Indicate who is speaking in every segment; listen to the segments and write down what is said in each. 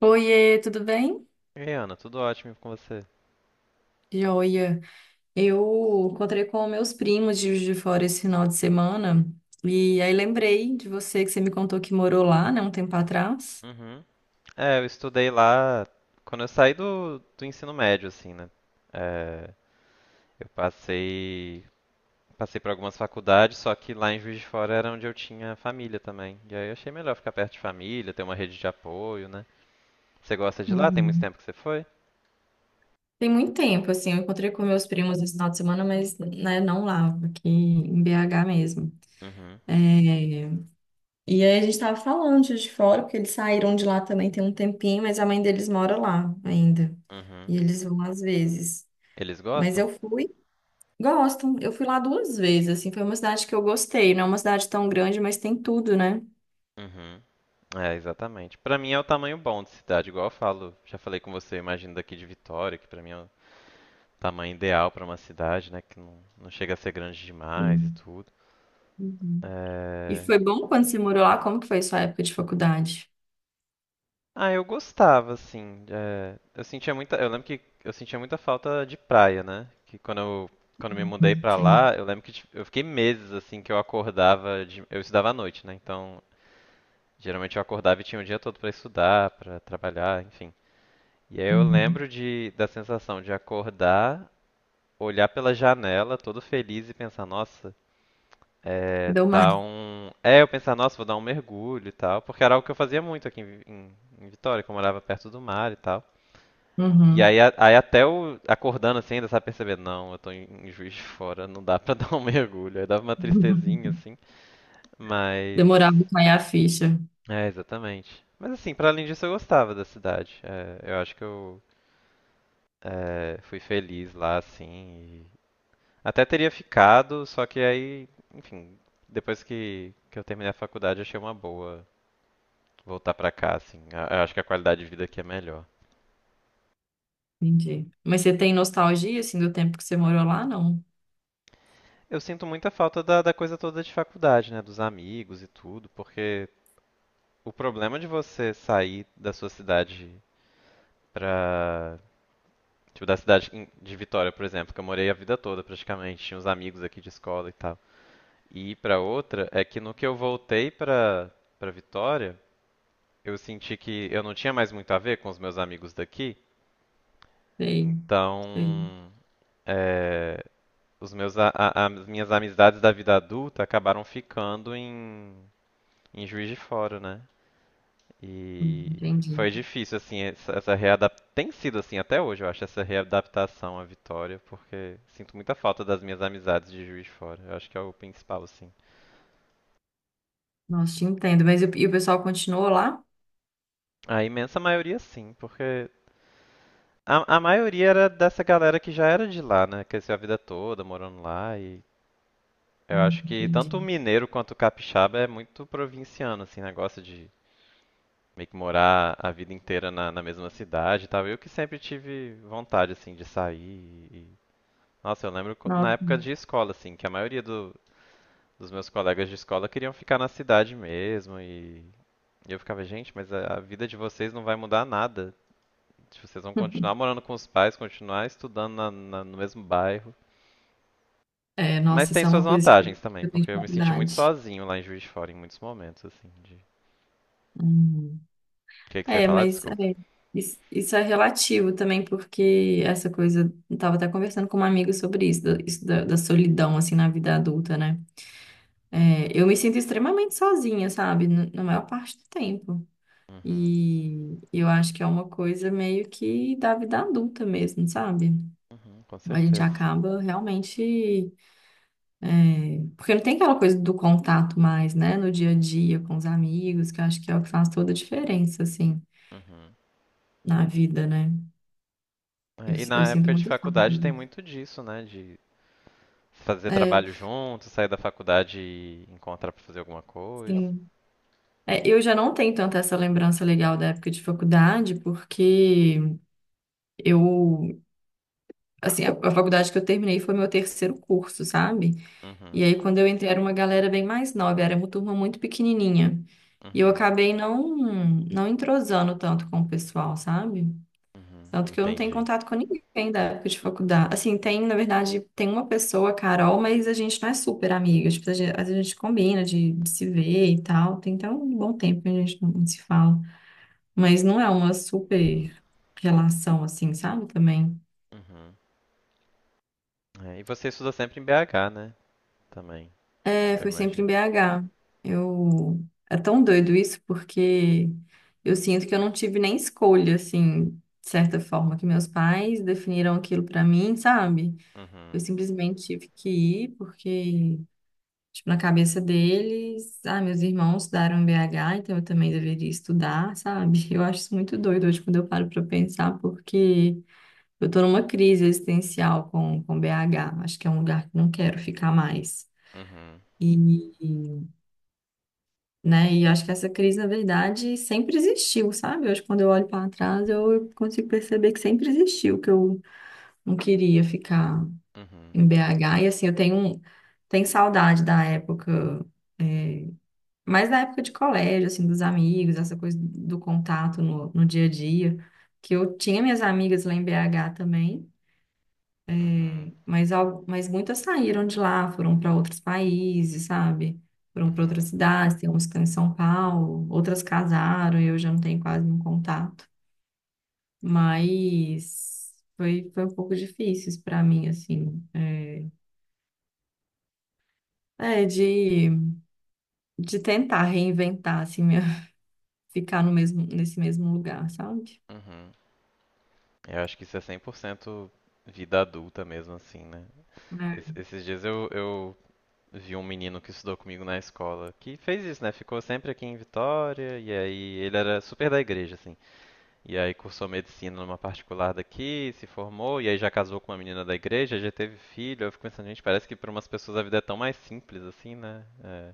Speaker 1: Oiê, tudo bem?
Speaker 2: E aí, Ana, tudo ótimo com você?
Speaker 1: Joia. Eu encontrei com meus primos de Juiz de Fora esse final de semana e aí lembrei de você que você me contou que morou lá, né, um tempo atrás.
Speaker 2: Uhum. É, eu estudei lá quando eu saí do ensino médio, assim, né? É, eu passei por algumas faculdades, só que lá em Juiz de Fora era onde eu tinha família também. E aí eu achei melhor ficar perto de família, ter uma rede de apoio, né? Você gosta de lá? Tem muito
Speaker 1: Uhum.
Speaker 2: tempo que você foi?
Speaker 1: Tem muito tempo, assim, eu encontrei com meus primos esse final de semana, mas, né, não lá, aqui em BH mesmo.
Speaker 2: Uhum,
Speaker 1: É, E aí a gente tava falando de Juiz de Fora, porque eles saíram de lá também tem um tempinho, mas a mãe deles mora lá ainda.
Speaker 2: uhum.
Speaker 1: E eles vão às vezes.
Speaker 2: Eles
Speaker 1: Mas
Speaker 2: gostam?
Speaker 1: eu fui Gosto. Eu fui lá duas vezes, assim, foi uma cidade que eu gostei. Não é uma cidade tão grande, mas tem tudo, né?
Speaker 2: Uhum. É, exatamente. Pra mim é o tamanho bom de cidade, igual eu falo. Já falei com você, eu imagino daqui de Vitória, que pra mim é um tamanho ideal para uma cidade, né? Que não chega a ser grande demais e
Speaker 1: Sim.
Speaker 2: tudo.
Speaker 1: Uhum. E
Speaker 2: É,
Speaker 1: foi bom quando você morou lá? Como que foi sua época de faculdade?
Speaker 2: ah, eu gostava, assim. Eu sentia muita. Eu lembro que eu sentia muita falta de praia, né? Quando me mudei
Speaker 1: Uhum.
Speaker 2: pra
Speaker 1: Sim.
Speaker 2: lá, eu lembro que eu fiquei meses assim que eu acordava de... Eu estudava à noite, né? Então, geralmente eu acordava e tinha o dia todo pra estudar, pra trabalhar, enfim. E aí eu
Speaker 1: Uhum.
Speaker 2: lembro de da sensação de acordar, olhar pela janela, todo feliz e pensar, nossa,
Speaker 1: Deu mais,
Speaker 2: eu pensar, nossa, vou dar um mergulho e tal, porque era algo que eu fazia muito aqui em Vitória, que eu morava perto do mar e tal. E
Speaker 1: Uhum.
Speaker 2: aí, aí até eu acordando assim, ainda sabe perceber, não, eu tô em Juiz de Fora, não dá pra dar um mergulho. Aí dava uma tristezinha assim, mas.
Speaker 1: Demorava pra cair a ficha.
Speaker 2: É, exatamente. Mas assim, pra além disso, eu gostava da cidade. É, eu acho que eu fui feliz lá, assim. E até teria ficado, só que aí, enfim, depois que eu terminei a faculdade, achei uma boa voltar pra cá, assim. Eu acho que a qualidade de vida aqui é melhor.
Speaker 1: Entendi. Mas você tem nostalgia, assim, do tempo que você morou lá? Não.
Speaker 2: Eu sinto muita falta da coisa toda de faculdade, né? Dos amigos e tudo, porque o problema de você sair da sua cidade pra. Tipo, da cidade de Vitória, por exemplo, que eu morei a vida toda praticamente, tinha uns amigos aqui de escola e tal. E ir pra outra é que no que eu voltei pra Vitória, eu senti que eu não tinha mais muito a ver com os meus amigos daqui,
Speaker 1: Sei, sei.
Speaker 2: então. É, os meus, a- as minhas amizades da vida adulta acabaram ficando em Juiz de Fora, né?
Speaker 1: Uhum.
Speaker 2: E
Speaker 1: Entendi.
Speaker 2: foi difícil, assim, essa readaptação. Tem sido assim até hoje, eu acho, essa readaptação à Vitória, porque sinto muita falta das minhas amizades de Juiz de Fora. Eu acho que é o principal, assim.
Speaker 1: Nossa, te entendo. Mas e o pessoal continuou lá?
Speaker 2: A imensa maioria, sim, porque a maioria era dessa galera que já era de lá, né? Cresceu a vida toda morando lá e.
Speaker 1: Ah,
Speaker 2: Eu acho que
Speaker 1: entendi.
Speaker 2: tanto o mineiro quanto o capixaba é muito provinciano, assim, negócio de meio que morar a vida inteira na mesma cidade e tal. Eu que sempre tive vontade, assim, de sair. Nossa, eu lembro na
Speaker 1: Nossa.
Speaker 2: época de escola, assim, que a maioria dos meus colegas de escola queriam ficar na cidade mesmo. E eu ficava, gente, mas a vida de vocês não vai mudar nada. Tipo, vocês vão continuar morando com os pais, continuar estudando no mesmo bairro.
Speaker 1: É,
Speaker 2: Mas
Speaker 1: nossa,
Speaker 2: tem
Speaker 1: isso é
Speaker 2: suas
Speaker 1: uma coisa que
Speaker 2: vantagens também,
Speaker 1: eu tenho
Speaker 2: porque
Speaker 1: de
Speaker 2: eu me senti muito
Speaker 1: faculdade.
Speaker 2: sozinho lá em Juiz de Fora em muitos momentos, assim, de... O
Speaker 1: Uhum.
Speaker 2: que que você ia
Speaker 1: É,
Speaker 2: falar?
Speaker 1: mas
Speaker 2: Desculpa.
Speaker 1: é, isso, isso é relativo também, porque essa coisa, eu tava até conversando com uma amiga sobre isso, da, isso da, da solidão, assim, na vida adulta, né? É, eu me sinto extremamente sozinha, sabe? Na maior parte do tempo.
Speaker 2: Uhum.
Speaker 1: E eu acho que é uma coisa meio que da vida adulta mesmo, sabe?
Speaker 2: Uhum, com
Speaker 1: A gente
Speaker 2: certeza.
Speaker 1: acaba realmente. Porque não tem aquela coisa do contato mais, né? No dia a dia, com os amigos, que eu acho que é o que faz toda a diferença, assim,
Speaker 2: Uhum.
Speaker 1: na vida, né? Eu,
Speaker 2: É, e
Speaker 1: eu
Speaker 2: na
Speaker 1: sinto
Speaker 2: época de
Speaker 1: muita falta.
Speaker 2: faculdade tem muito disso, né? De fazer
Speaker 1: É,
Speaker 2: trabalho junto, sair da faculdade e encontrar pra fazer alguma coisa.
Speaker 1: sim. É, eu já não tenho tanta essa lembrança legal da época de faculdade, porque eu, assim, a faculdade que eu terminei foi meu terceiro curso, sabe? E
Speaker 2: Uhum,
Speaker 1: aí, quando eu entrei, era uma galera bem mais nova, era uma turma muito pequenininha. E eu
Speaker 2: uhum,
Speaker 1: acabei não entrosando tanto com o pessoal, sabe?
Speaker 2: uhum,
Speaker 1: Tanto que eu não tenho
Speaker 2: entendi.
Speaker 1: contato com ninguém da época de faculdade. Assim, tem uma pessoa, a Carol, mas a gente não é super amiga. Tipo, a gente combina de se ver e tal. Tem até um bom tempo que a gente não se fala. Mas não é uma super relação, assim, sabe? Também.
Speaker 2: Uhum. É, e você estuda sempre em BH, né? Também,
Speaker 1: É,
Speaker 2: eu
Speaker 1: foi sempre em
Speaker 2: imagino.
Speaker 1: BH. Eu... É tão doido isso, porque eu sinto que eu não tive nem escolha, assim, de certa forma, que meus pais definiram aquilo pra mim, sabe? Eu
Speaker 2: Uhum,
Speaker 1: simplesmente tive que ir porque, tipo, na cabeça deles, ah, meus irmãos estudaram BH, então eu também deveria estudar, sabe? Eu acho isso muito doido hoje quando eu paro pra pensar, porque eu tô numa crise existencial com BH. Acho que é um lugar que não quero ficar mais.
Speaker 2: uhum,
Speaker 1: E, né, e acho que essa crise, na verdade, sempre existiu, sabe? Hoje, quando eu olho para trás, eu consigo perceber que sempre existiu, que eu não queria ficar
Speaker 2: uhum,
Speaker 1: em BH. E assim, tenho saudade da época, é, mais da época de colégio, assim, dos amigos, essa coisa do contato no dia a dia. Que eu tinha minhas amigas lá em BH também,
Speaker 2: uhum,
Speaker 1: mas, mas muitas saíram de lá, foram para outros países, sabe? Foram para
Speaker 2: uhum,
Speaker 1: outras cidades, tem umas que estão em São Paulo, outras casaram, eu já não tenho quase nenhum contato. Mas foi um pouco difícil para mim, assim. De de tentar reinventar, assim, ficar no mesmo, nesse mesmo lugar, sabe?
Speaker 2: uhum. Eu acho que isso é 100% vida adulta mesmo, assim, né? Esses dias eu, vi um menino que estudou comigo na escola que fez isso, né? Ficou sempre aqui em Vitória e aí ele era super da igreja, assim. E aí cursou medicina numa particular daqui, se formou e aí já casou com uma menina da igreja, já teve filho. Eu fico pensando, gente, parece que para umas pessoas a vida é tão mais simples assim, né? É.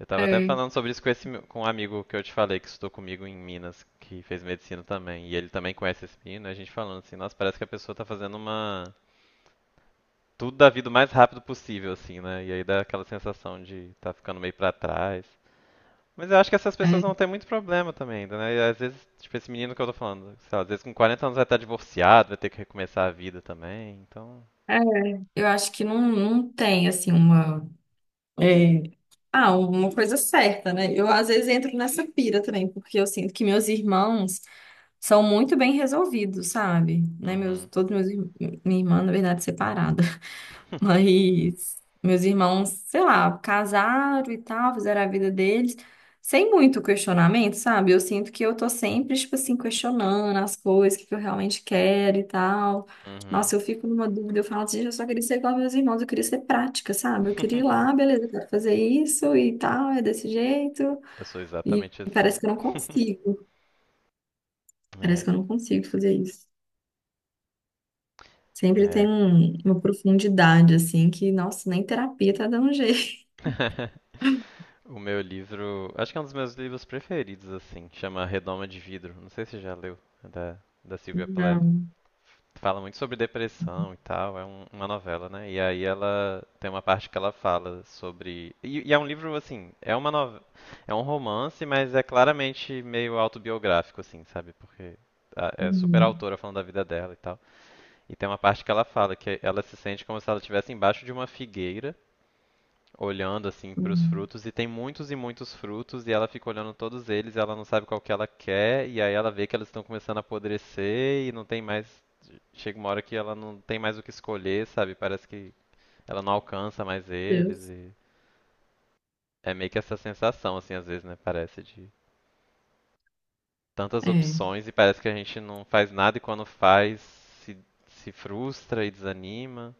Speaker 2: Eu tava até
Speaker 1: É, é,
Speaker 2: falando sobre isso com esse com um amigo que eu te falei que estudou comigo em Minas, que fez medicina também, e ele também conhece esse menino, e a gente falando assim, nossa, parece que a pessoa tá fazendo uma tudo da vida o mais rápido possível, assim, né? E aí dá aquela sensação de tá ficando meio pra trás. Mas eu acho que essas pessoas vão
Speaker 1: é.
Speaker 2: ter muito problema também ainda, né? E às vezes, tipo, esse menino que eu tô falando, sei lá, às vezes com 40 anos vai estar divorciado, vai ter que recomeçar a vida também, então.
Speaker 1: é. Eu acho que não tem, assim, uma. é, Ah, uma coisa certa, né? Eu às vezes entro nessa pira também, porque eu sinto que meus irmãos são muito bem resolvidos, sabe? Né?
Speaker 2: Uhum.
Speaker 1: Todos meus irmãos, minha irmã, na verdade, separada. Mas meus irmãos, sei lá, casaram e tal, fizeram a vida deles, sem muito questionamento, sabe? Eu sinto que eu tô sempre, tipo assim, questionando as coisas, o que eu realmente quero e tal.
Speaker 2: Uhum.
Speaker 1: Nossa, eu fico numa dúvida, eu falo assim, eu só queria ser igual aos meus irmãos, eu queria ser prática, sabe? Eu queria ir lá, beleza, eu quero fazer isso e tal, é desse jeito.
Speaker 2: Eu sou
Speaker 1: E
Speaker 2: exatamente assim.
Speaker 1: parece que eu não consigo, parece
Speaker 2: É,
Speaker 1: que eu não consigo fazer isso. Sempre tem
Speaker 2: é.
Speaker 1: uma profundidade, assim, que, nossa, nem terapia tá dando jeito.
Speaker 2: O meu livro, acho que é um dos meus livros preferidos, assim, chama Redoma de Vidro. Não sei se você já leu, é da Sylvia Plath.
Speaker 1: Não.
Speaker 2: Fala muito sobre depressão e tal, é uma novela, né? E aí ela tem uma parte que ela fala sobre. E é um livro, assim, é um romance, mas é claramente meio autobiográfico, assim, sabe? Porque é super
Speaker 1: Uhum.
Speaker 2: autora falando da vida dela e tal. E tem uma parte que ela fala que ela se sente como se ela estivesse embaixo de uma figueira, olhando assim para os
Speaker 1: Hum,
Speaker 2: frutos, e tem muitos e muitos frutos, e ela fica olhando todos eles, e ela não sabe qual que ela quer, e aí ela vê que eles estão começando a apodrecer e não tem mais chega uma hora que ela não tem mais o que escolher, sabe? Parece que ela não alcança mais eles
Speaker 1: Deus.
Speaker 2: e é meio que essa sensação assim às vezes, né? Parece de tantas
Speaker 1: É,
Speaker 2: opções e parece que a gente não faz nada e quando faz se, se frustra e desanima.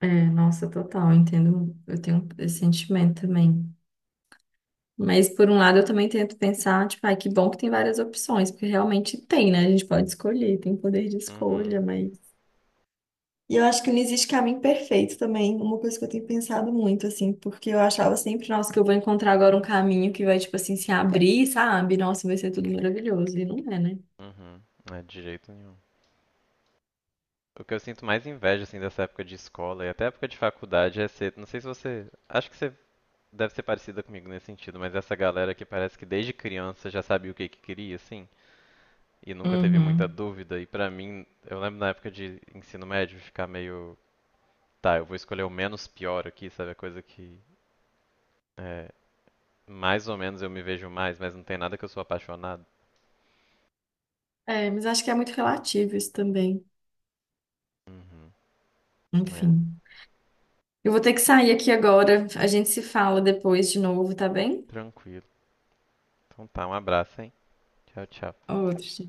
Speaker 1: nossa, total, eu entendo, eu tenho esse sentimento também. Mas por um lado eu também tento pensar, tipo, ai, que bom que tem várias opções, porque realmente tem, né? A gente pode escolher, tem poder de escolha,
Speaker 2: Uhum,
Speaker 1: mas E eu acho que não existe caminho perfeito também, uma coisa que eu tenho pensado muito, assim, porque eu achava sempre, nossa, que eu vou encontrar agora um caminho que vai, tipo assim, se abrir, sabe? Nossa, vai ser tudo maravilhoso. E não é, né?
Speaker 2: uhum. É, de jeito nenhum. O que eu sinto mais inveja, assim, dessa época de escola e até época de faculdade é ser. Não sei se você. Acho que você deve ser parecida comigo nesse sentido, mas essa galera que parece que desde criança já sabia o que que queria, assim. E nunca teve muita
Speaker 1: Uhum.
Speaker 2: dúvida. E pra mim, eu lembro na época de ensino médio ficar meio, tá, eu vou escolher o menos pior aqui, sabe? A coisa que é, mais ou menos eu me vejo mais, mas não tem nada que eu sou apaixonado.
Speaker 1: É, mas acho que é muito relativo isso também.
Speaker 2: Uhum. É,
Speaker 1: Enfim. Eu vou ter que sair aqui agora. A gente se fala depois de novo, tá bem?
Speaker 2: tranquilo. Então tá, um abraço, hein? Tchau, tchau.
Speaker 1: Outro.